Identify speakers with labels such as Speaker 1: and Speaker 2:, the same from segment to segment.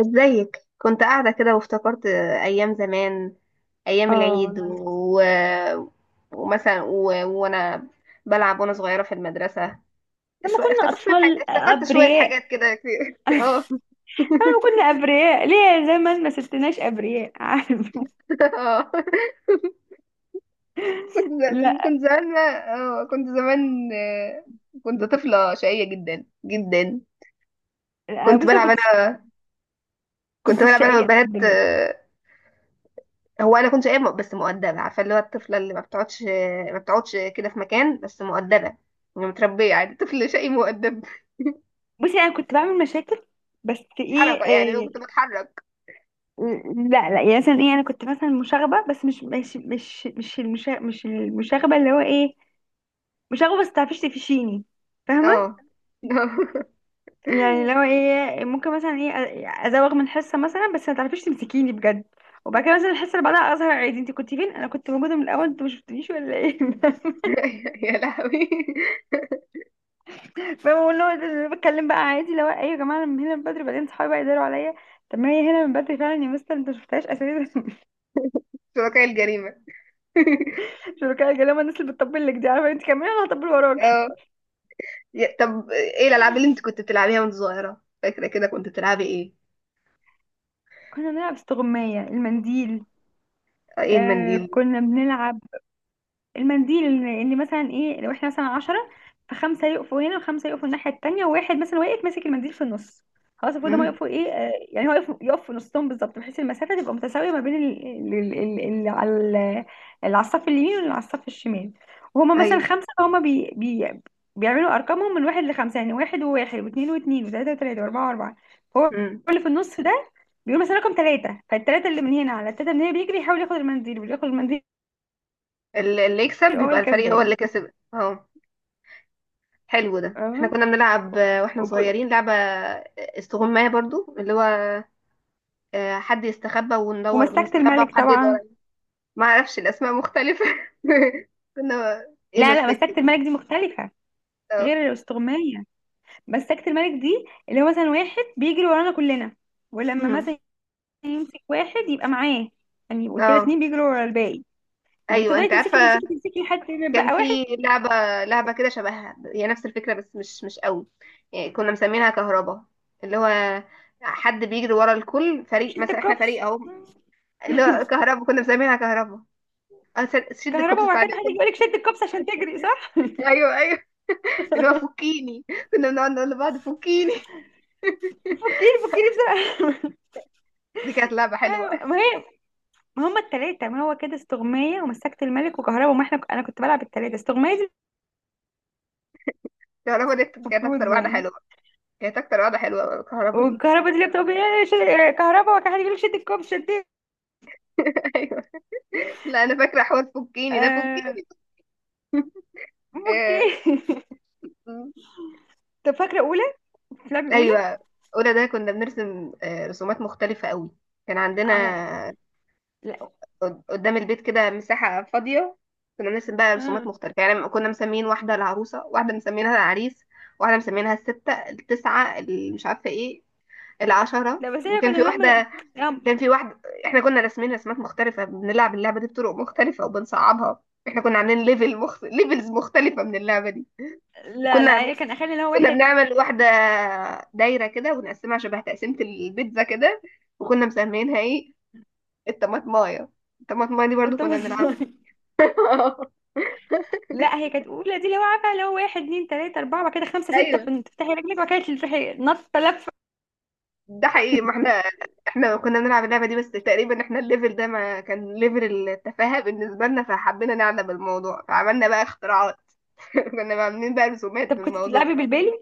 Speaker 1: ازيك، كنت قاعدة كده وافتكرت أيام زمان، أيام
Speaker 2: اه
Speaker 1: العيد
Speaker 2: والله،
Speaker 1: ومثلا و... وأنا بلعب وأنا صغيرة في المدرسة.
Speaker 2: لما كنا
Speaker 1: افتكرت شوية حاجات،
Speaker 2: أطفال أبرياء.
Speaker 1: كده كتير. اه
Speaker 2: لما كنا أبرياء ليه؟ زي ما ما سبتناش أبرياء. عارف؟
Speaker 1: اه. كنت
Speaker 2: لا،
Speaker 1: ز- كنت زمان اه كنت زمان آه، كنت طفلة شقية جدا جدا.
Speaker 2: أنا
Speaker 1: كنت
Speaker 2: بصي ما
Speaker 1: بلعب
Speaker 2: كنتش
Speaker 1: أنا كنت
Speaker 2: كنتش
Speaker 1: بلعب أنا
Speaker 2: شقية،
Speaker 1: والبنات.
Speaker 2: الحمد لله.
Speaker 1: هو انا كنت شقية بس مؤدبة، عارفة اللي هو الطفلة اللي ما بتقعدش ما بتقعدش كده في مكان، بس مؤدبة. يعني متربية عادي، طفل شقي مؤدب،
Speaker 2: بصي أنا كنت بعمل مشاكل، بس إيه,
Speaker 1: حركة، يعني لو
Speaker 2: إيه.
Speaker 1: كنت بتحرك.
Speaker 2: لا لا، يعني مثلا إيه، أنا كنت مثلا مشاغبة، بس مش المشاغبة اللي هو إيه. مشاغبة بس تعرفيش تفشيني. فاهمة؟
Speaker 1: اه.
Speaker 2: يعني لو ايه، ممكن مثلا ايه ازوغ من حصه مثلا، بس ما تعرفيش تمسكيني بجد. وبعد كده مثلا الحصه اللي بعدها اظهر عادي: انت كنت فين؟ انا كنت موجوده من الاول، انت ما شفتنيش ولا ايه؟
Speaker 1: يا لهوي،
Speaker 2: فبقول له ده بتكلم بقى عادي: لو ايوه يا جماعه، انا من هنا من بدري، بعدين صحابي بقى يداروا عليا. طب ما هي هنا من بدري فعلا، يا مستر، انت ما شفتهاش اساسا.
Speaker 1: شركاء الجريمة.
Speaker 2: شركاء الجلامه. الناس اللي بتطبل لك دي، عارفه؟ انت كمان انا هطبل وراك.
Speaker 1: اه. طب ايه الالعاب اللي انت كنت بتلعبيها وانت صغيرة؟ فاكرة كده كنت بتلعبي ايه؟
Speaker 2: كنا بنلعب استغمايه المنديل.
Speaker 1: ايه
Speaker 2: آه
Speaker 1: المنديل؟
Speaker 2: كنا بنلعب المنديل إن مثلا ايه لو احنا مثلا عشرة، فخمسة يقفوا هنا وخمسة يقفوا الناحية التانية، وواحد مثلا واقف ماسك المنديل في النص. خلاص، المفروض هما
Speaker 1: امم.
Speaker 2: يقفوا ايه، آه، يعني هو يقف في نصهم بالظبط، بحيث المسافة تبقى متساوية ما بين ال- ال- اللي على ال- اللي على الصف اليمين واللي على الصف الشمال. وهما مثلا
Speaker 1: ايوه.
Speaker 2: خمسة، فهما بي بي بيعملوا أرقامهم من واحد لخمسة، يعني واحد وواحد واثنين واثنين وثلاثة وثلاثة وأربعة وأربعة. هو
Speaker 1: امم.
Speaker 2: اللي في النص ده بيقول مثلا رقم ثلاثة، فالثلاثة اللي من هنا على الثلاثة من هنا بيجري يحاول ياخد المنديل، واللي ياخد المنديل
Speaker 1: اللي يكسب
Speaker 2: يبقى هو
Speaker 1: بيبقى الفريق هو
Speaker 2: الكسبان.
Speaker 1: اللي كسب. اه. حلو، ده احنا كنا بنلعب واحنا
Speaker 2: وك-
Speaker 1: صغيرين لعبة استغماية برضو، اللي هو حد يستخبى وندور،
Speaker 2: ومسكت
Speaker 1: بنستخبى
Speaker 2: الملك
Speaker 1: وحد يدور
Speaker 2: طبعا.
Speaker 1: علينا. ما اعرفش، الاسماء مختلفة. كنا... ايه
Speaker 2: لا لا،
Speaker 1: مسكت؟
Speaker 2: مسكت الملك دي مختلفة.
Speaker 1: اه.
Speaker 2: غير الاستغماية. مسكت الملك دي اللي هو مثلا واحد بيجري ورانا كلنا، ولما
Speaker 1: مم.
Speaker 2: مثلا يمسك واحد يبقى معاه. يعني يبقوا كده
Speaker 1: اه.
Speaker 2: اتنين بيجروا ورا الباقي. لما
Speaker 1: ايوه،
Speaker 2: تفضلي
Speaker 1: انت
Speaker 2: تمسكي تمسكي
Speaker 1: عارفة،
Speaker 2: تمسكي لحد ما
Speaker 1: كان
Speaker 2: يبقى واحد.
Speaker 1: في لعبة لعبة كده شبهها، هي نفس الفكرة بس مش قوي. يعني كنا مسمينها كهربا، اللي هو حد بيجري ورا الكل، فريق
Speaker 2: شد
Speaker 1: مثلا احنا
Speaker 2: الكوبس.
Speaker 1: فريق اهو، اللي هو كهربا، كنا مسمينها كهربا. اه. شد الكوبس
Speaker 2: كهرباء، وبعد
Speaker 1: بتاع
Speaker 2: كده حد يجي يقول
Speaker 1: الكوبس.
Speaker 2: لك شد الكوبس عشان تجري، صح؟
Speaker 1: ايوه ايوه، اللي هو فكيني، كنا بنقعد نقول لبعض فكيني.
Speaker 2: فكيني فكيني بسرعة.
Speaker 1: دي كانت لعبة حلوة.
Speaker 2: ايوه ما هي، ما هما التلاتة، ما هو كده استغماية ومسكت الملك وكهرباء، وما احنا انا كنت بلعب التلاتة، استغماية دي.
Speaker 1: الكهرباء دي كانت أكتر
Speaker 2: المفروض
Speaker 1: واحدة
Speaker 2: يعني.
Speaker 1: حلوة، كانت أكتر واحدة حلوة الكهرباء دي.
Speaker 2: والكهرباء دي اللي بتبقى إيه، كهرباء، وكان حد يقول لك شد الكوب، شديت.
Speaker 1: أيوة. لا، أنا فاكرة حوار فكيني ده،
Speaker 2: آه،
Speaker 1: فكيني.
Speaker 2: اوكي.
Speaker 1: آه، م.
Speaker 2: طب فاكره اولى، فلابي اولى؟
Speaker 1: أيوة. أولى ده كنا بنرسم رسومات مختلفة قوي. كان عندنا
Speaker 2: على، لا،
Speaker 1: قدام البيت كده مساحة فاضية، كنا بنرسم بقى رسومات
Speaker 2: آه.
Speaker 1: مختلفة، يعني كنا مسمين واحدة العروسة، واحدة مسمينها العريس، واحدة مسمينها الستة، التسعة اللي مش عارفة ايه، العشرة،
Speaker 2: لا، بس هي
Speaker 1: وكان في
Speaker 2: كانوا هم
Speaker 1: واحدة.
Speaker 2: هم
Speaker 1: كان في واحد، احنا كنا راسمين رسمات مختلفة، بنلعب اللعبة دي بطرق مختلفة وبنصعبها. احنا كنا عاملين ليفلز مختلفة من اللعبة دي.
Speaker 2: لا
Speaker 1: وكنا
Speaker 2: لا،
Speaker 1: عاملين
Speaker 2: هي كان اخلي اللي هو
Speaker 1: كنا
Speaker 2: واحد.
Speaker 1: بنعمل واحدة دايرة كده ونقسمها شبه تقسيمة البيتزا كده، وكنا مسمينها ايه، الطماطماية. الطماطماية دي برضو
Speaker 2: انت
Speaker 1: كنا
Speaker 2: بصمي.
Speaker 1: بنلعبها.
Speaker 2: لا، هي كانت اولى دي اللي هو عارفه، اللي هو واحد اتنين تلاته اربعه، بعد كده خمسه سته،
Speaker 1: ايوه
Speaker 2: تفتحي رجلك، وبعد كده تروحي نطه لفه.
Speaker 1: ده حقيقي، ما احنا كنا بنلعب اللعبة دي، بس تقريبا احنا الليفل ده ما كان ليفل التفاهة بالنسبة لنا، فحبينا نعلم الموضوع، فعملنا بقى اختراعات. كنا عاملين بقى رسومات
Speaker 2: طب
Speaker 1: في
Speaker 2: كنت
Speaker 1: الموضوع.
Speaker 2: بتلعبي بالبالي؟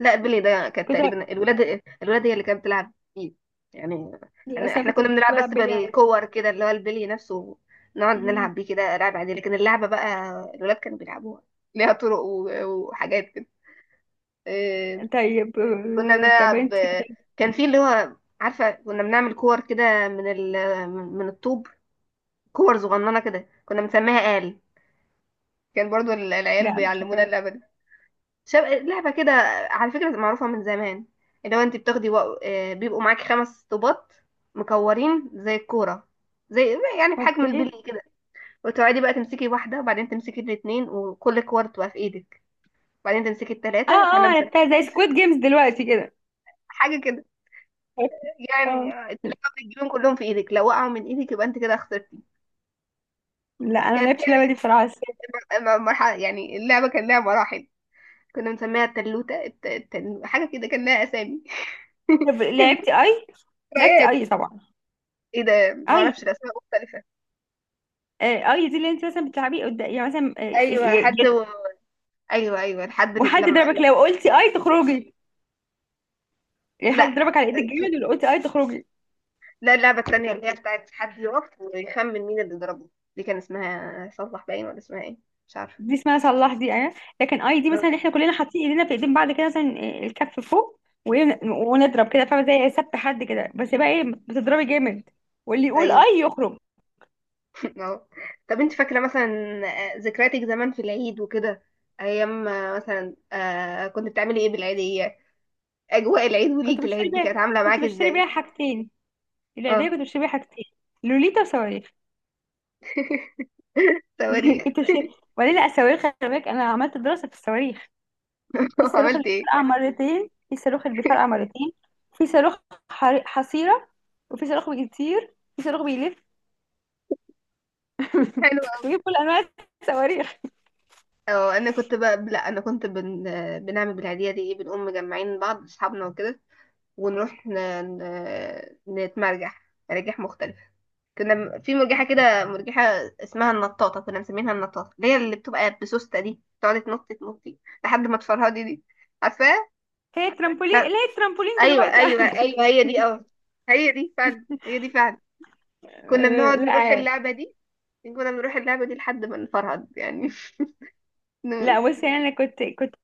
Speaker 1: لا، بيلي ده كانت
Speaker 2: كنت.
Speaker 1: تقريبا الولاد هي اللي كانت بتلعب فيه يعني.
Speaker 2: لا بس انا
Speaker 1: إحنا
Speaker 2: كنت
Speaker 1: كنا
Speaker 2: كنت
Speaker 1: بنلعب بس
Speaker 2: بلعب بالي عادي.
Speaker 1: بالكور كده، اللي هو البلي نفسه، نقعد
Speaker 2: مم.
Speaker 1: نلعب بيه كده لعب عادي، لكن اللعبة بقى الولاد كانوا بيلعبوها، ليها طرق وحاجات كده. إيه،
Speaker 2: طيب،
Speaker 1: كنا
Speaker 2: طب
Speaker 1: بنلعب،
Speaker 2: انت كنت.
Speaker 1: كان في اللي هو، عارفة، كنا بنعمل كور كده من ال من من الطوب، كور صغننة كده، كنا بنسميها آل، كان برضو العيال
Speaker 2: لا مش
Speaker 1: بيعلمونا
Speaker 2: عارفه.
Speaker 1: اللعبة دي. لعبة كده على فكرة معروفة من زمان، اللي هو انت بتاخدي و... آه، بيبقوا معاكي خمس طوبات مكورين زي الكورة، زي يعني بحجم البلي
Speaker 2: اوكي.
Speaker 1: كده. وتقعدي بقى تمسكي واحدة، وبعدين تمسكي الاتنين وكل كور تبقى في ايدك، وبعدين تمسكي
Speaker 2: اه
Speaker 1: التلاتة، فاحنا
Speaker 2: اه،
Speaker 1: نسمي
Speaker 2: عرفتها زي سكويد جيمز دلوقتي كده.
Speaker 1: حاجة كده يعني،
Speaker 2: اه.
Speaker 1: التلاتة بتجيبهم كلهم في ايدك. لو وقعوا من ايدك يبقى انت كده خسرتي.
Speaker 2: لا انا ما
Speaker 1: كانت
Speaker 2: لعبتش اللعبه دي بصراحه.
Speaker 1: مرحلة، يعني اللعبة كان لها مراحل، كنا بنسميها التلوتة، حاجة كده كان لها أسامي.
Speaker 2: طب لعبتي اي؟ لعبتي
Speaker 1: ذكريات.
Speaker 2: اي طبعا؟
Speaker 1: ايه ده؟ معرفش،
Speaker 2: اي.
Speaker 1: الأسماء مختلفة.
Speaker 2: آه، اي دي اللي انت مثلا بتلعبي قدام، يعني مثلا،
Speaker 1: ايوه، حد ايوه ايوه لحد
Speaker 2: وحد
Speaker 1: لما...
Speaker 2: ضربك
Speaker 1: لا.
Speaker 2: لو قلتي اي تخرجي. يعني حد
Speaker 1: لا
Speaker 2: ضربك على ايدك جامد،
Speaker 1: في-
Speaker 2: ولو قلتي اي تخرجي.
Speaker 1: لا، اللعبه التانيه اللي هي بتاعت حد يقف ويخمن مين اللي ضربه، دي كان اسمها صلح باين ولا اسمها ايه؟ مش عارفه.
Speaker 2: دي اسمها صلاح دي، اه. لكن اي دي
Speaker 1: آه،
Speaker 2: مثلا، احنا كلنا حاطين ايدينا في ايدين بعض كده مثلا، الكف فوق. وإيه، ونضرب كده، فاهمه؟ زي سبت حد كده، بس بقى ايه بتضربي جامد. واللي يقول
Speaker 1: ايوه.
Speaker 2: اي يخرج.
Speaker 1: اه. طب انت فاكره مثلا ذكرياتك زمان في العيد وكده، ايام مثلا كنت بتعملي ايه بالعيديه؟ اجواء العيد وليله العيد دي كانت عامله
Speaker 2: كنت
Speaker 1: معاك
Speaker 2: بشتري بيها
Speaker 1: ازاي؟
Speaker 2: حاجتين. العيدية
Speaker 1: اه.
Speaker 2: كنت بشتري بيها حاجتين. لوليتا وصواريخ.
Speaker 1: صواريخ.
Speaker 2: كنت بشتري. وبعدين لا، الصواريخ، خلي بالك، انا عملت دراسة في الصواريخ. في الصاروخ اللي
Speaker 1: عملت
Speaker 2: بيفرقع
Speaker 1: ايه؟
Speaker 2: مرتين، في الصاروخ اللي بيفرقع مرتين. في صاروخ حصيرة. وفي صاروخ بيطير، في صاروخ بيلف.
Speaker 1: حلو.
Speaker 2: كنت بجيب كل انواع الصواريخ.
Speaker 1: اه، انا كنت بقى... لا، انا كنت بنعمل بالعيدية دي ايه، بنقوم مجمعين بعض اصحابنا وكده، ونروح ن... نتمرجح مراجح مختلفة. كنا في مرجحة كده، مرجحة اسمها النطاطة، كنا مسمينها النطاطة، اللي بتبقى بسوستة دي، تقعد تنط تنطي لحد ما تفرهدي دي. عارفاها؟ لا.
Speaker 2: هي الترامبولين
Speaker 1: ايوه
Speaker 2: دلوقتي،
Speaker 1: ايوه
Speaker 2: عارفة؟
Speaker 1: ايوه، هي دي. اه، هي دي فعلا، هي دي فعلا. كنا بنقعد نروح
Speaker 2: لا
Speaker 1: اللعبة دي كنا بنروح اللعبة دي لحد ما نفرهد يعني. ن-
Speaker 2: لا، بصي انا كنت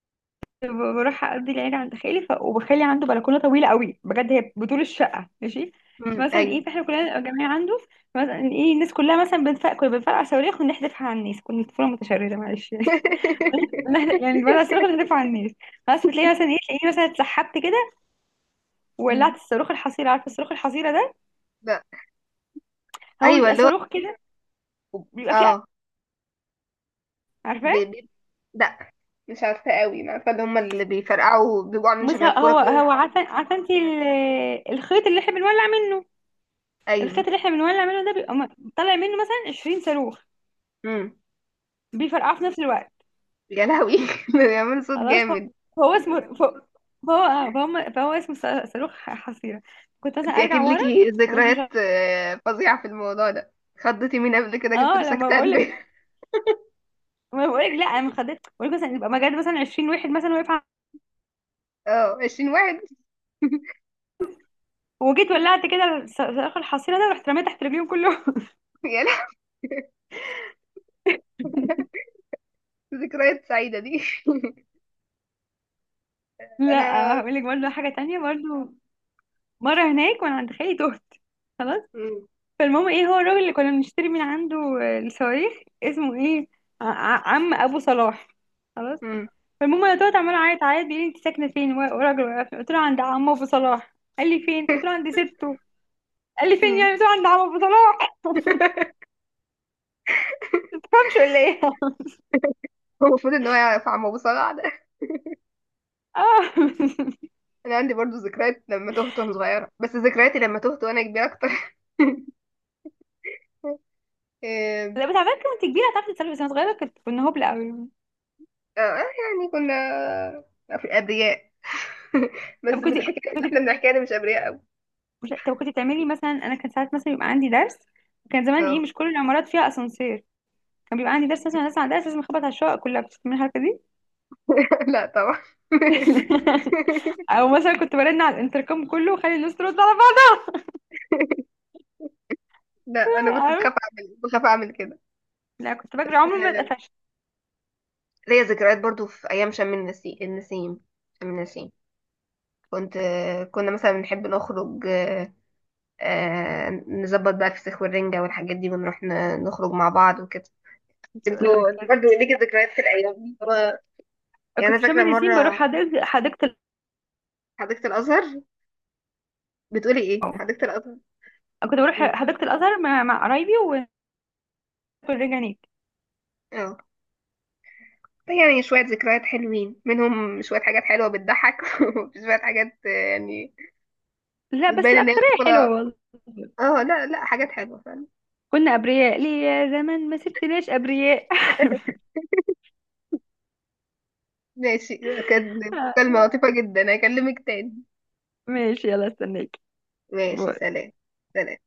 Speaker 2: بروح اقضي العيد عند خالي وخالي عنده بلكونه طويله قوي بجد، هي بطول الشقه ماشي.
Speaker 1: مم،
Speaker 2: فمثلا
Speaker 1: ايوه.
Speaker 2: ايه، فاحنا كلنا جميع عنده. مثلا ايه، الناس كلها، مثلا كنا بنفرقع صواريخ ونحذفها على الناس. كنا طفوله متشرده معلش يعني. يعني بنفرقع الصاروخ ونحذفها على الناس. بس بتلاقي مثلا ايه، تلاقيني مثلا اتسحبت كده، وولعت الصاروخ الحصيره. عارفه الصاروخ الحصيره ده؟
Speaker 1: لا،
Speaker 2: هو
Speaker 1: ايوه،
Speaker 2: بيبقى
Speaker 1: اللي هو،
Speaker 2: صاروخ كده، بيبقى فيه،
Speaker 1: اه. بي-
Speaker 2: عارفاه؟
Speaker 1: بي- لا مش عارفه قوي، ما عارفه، اللي هم اللي بيفرقعوا بيبقوا عاملين
Speaker 2: بس
Speaker 1: شبه
Speaker 2: هو
Speaker 1: الكوره
Speaker 2: هو
Speaker 1: كده.
Speaker 2: هو عارفه انت، الخيط اللي احنا بنولع منه.
Speaker 1: ايوه.
Speaker 2: الخيط اللي احنا بنولع منه ده بيبقى طالع منه مثلا 20 صاروخ
Speaker 1: امم.
Speaker 2: بيفرقعوا في نفس الوقت.
Speaker 1: يا لهوي. بيعمل صوت
Speaker 2: خلاص، هو
Speaker 1: جامد.
Speaker 2: هو اسمه، فهو اسمه صاروخ حصيرة. كنت مثلا
Speaker 1: انت
Speaker 2: ارجع
Speaker 1: اكيد
Speaker 2: ورا
Speaker 1: ليكي
Speaker 2: واروح مش
Speaker 1: ذكريات فظيعه في الموضوع ده. خضتي مين قبل كده؟ جبت له
Speaker 2: اه، لما بقول
Speaker 1: سكتان.
Speaker 2: لك.
Speaker 1: بيه.
Speaker 2: ما بقول لك لا، انا ما خدت، بقول لك مثلا يبقى مجال، مثلا 20 واحد مثلا واقف
Speaker 1: اه، 20 واحد.
Speaker 2: وجيت ولعت كده، صاروخ الحصيرة ده رحت رميت تحت رجليهم كلهم.
Speaker 1: يا لهوي، ذكريات سعيده دي. انا.
Speaker 2: لا، هقول لك برضه حاجة تانية برضه. مرة هناك وانا عند خالي، تهت خلاص.
Speaker 1: مم.
Speaker 2: فالمهم ايه، هو الراجل اللي كنا بنشتري من عنده آه، الصواريخ، اسمه ايه؟ عم ابو صلاح، خلاص.
Speaker 1: مم.
Speaker 2: فالمهم انا طلعت عماله اعيط عيط، بيقول لي انت ساكنه فين؟ وراجل وقفني قلت له عند عمه ابو صلاح، قال لي فين، قلت له عند سته، قال لي فين
Speaker 1: مم.
Speaker 2: يعني، قلت له عند عمه ابو صلاح. ما تفهمش ولا ايه؟
Speaker 1: هو المفروض ان هو يعرف عم ابو صلاح ده.
Speaker 2: اه.
Speaker 1: انا عندي برضو ذكريات لما تهت وانا صغيره، بس ذكرياتي لما تهت وانا كبيره اكتر. آه،
Speaker 2: لا بس على فكره، كنت كبيره هتعرفي تتصرفي، بس انا صغيره كنا هبله قوي.
Speaker 1: يعني كنا في أبرياء.
Speaker 2: طب
Speaker 1: بس
Speaker 2: كنت
Speaker 1: بالحكاية اللي احنا
Speaker 2: كنت
Speaker 1: بنحكيها دي مش أبرياء أوي.
Speaker 2: مش- طب كنت بتعملي مثلا، انا كان ساعات مثلا يبقى عندي درس. كان زمان ايه،
Speaker 1: اه.
Speaker 2: مش كل العمارات فيها اسانسير. كان بيبقى عندي درس، مثلا نازله على درس، لازم اخبط على الشقق كلها. بتسمعي الحركه دي؟
Speaker 1: لا طبعا.
Speaker 2: او مثلا كنت برن على الانتركم كله وخلي الناس ترد على بعض.
Speaker 1: لا، أنا كنت
Speaker 2: عارف؟
Speaker 1: بخاف أعمل كده.
Speaker 2: لا، كنت
Speaker 1: بس
Speaker 2: بجري، عمري ما اتقفشت.
Speaker 1: ليا ذكريات برضو في أيام شم النسيم، شم النسيم كنت آه، كنا مثلا نحب نخرج، نظبط بقى الفسيخ والرنجة والحاجات دي، ونروح نخرج مع بعض وكده.
Speaker 2: كنت
Speaker 1: انت برضه ليكي ذكريات في الأيام دي. يعني أنا
Speaker 2: في شم
Speaker 1: فاكرة
Speaker 2: النسيم بروح
Speaker 1: مرة...
Speaker 2: حديقة الأزهر.
Speaker 1: حديقة الأزهر. بتقولي ايه؟ حديقة الازهر.
Speaker 2: كنت بروح
Speaker 1: مم.
Speaker 2: حديقة الأزهر مع قرايبي وناكل. رجع نيك.
Speaker 1: اه، يعني شوية ذكريات حلوين، منهم شوية حاجات حلوة بتضحك وشوية حاجات يعني
Speaker 2: لا بس
Speaker 1: بتبان ان هي...
Speaker 2: الأكترية حلوة والله.
Speaker 1: اه، لا لا، حاجات حلوة فعلا.
Speaker 2: كنا أبرياء ليه يا زمان، ما سبتناش أبرياء.
Speaker 1: ماشي، كانت مكالمة لطيفة جدا، اكلمك تاني.
Speaker 2: ماشي، يلا استناك.
Speaker 1: ماشي، سلام. سلام.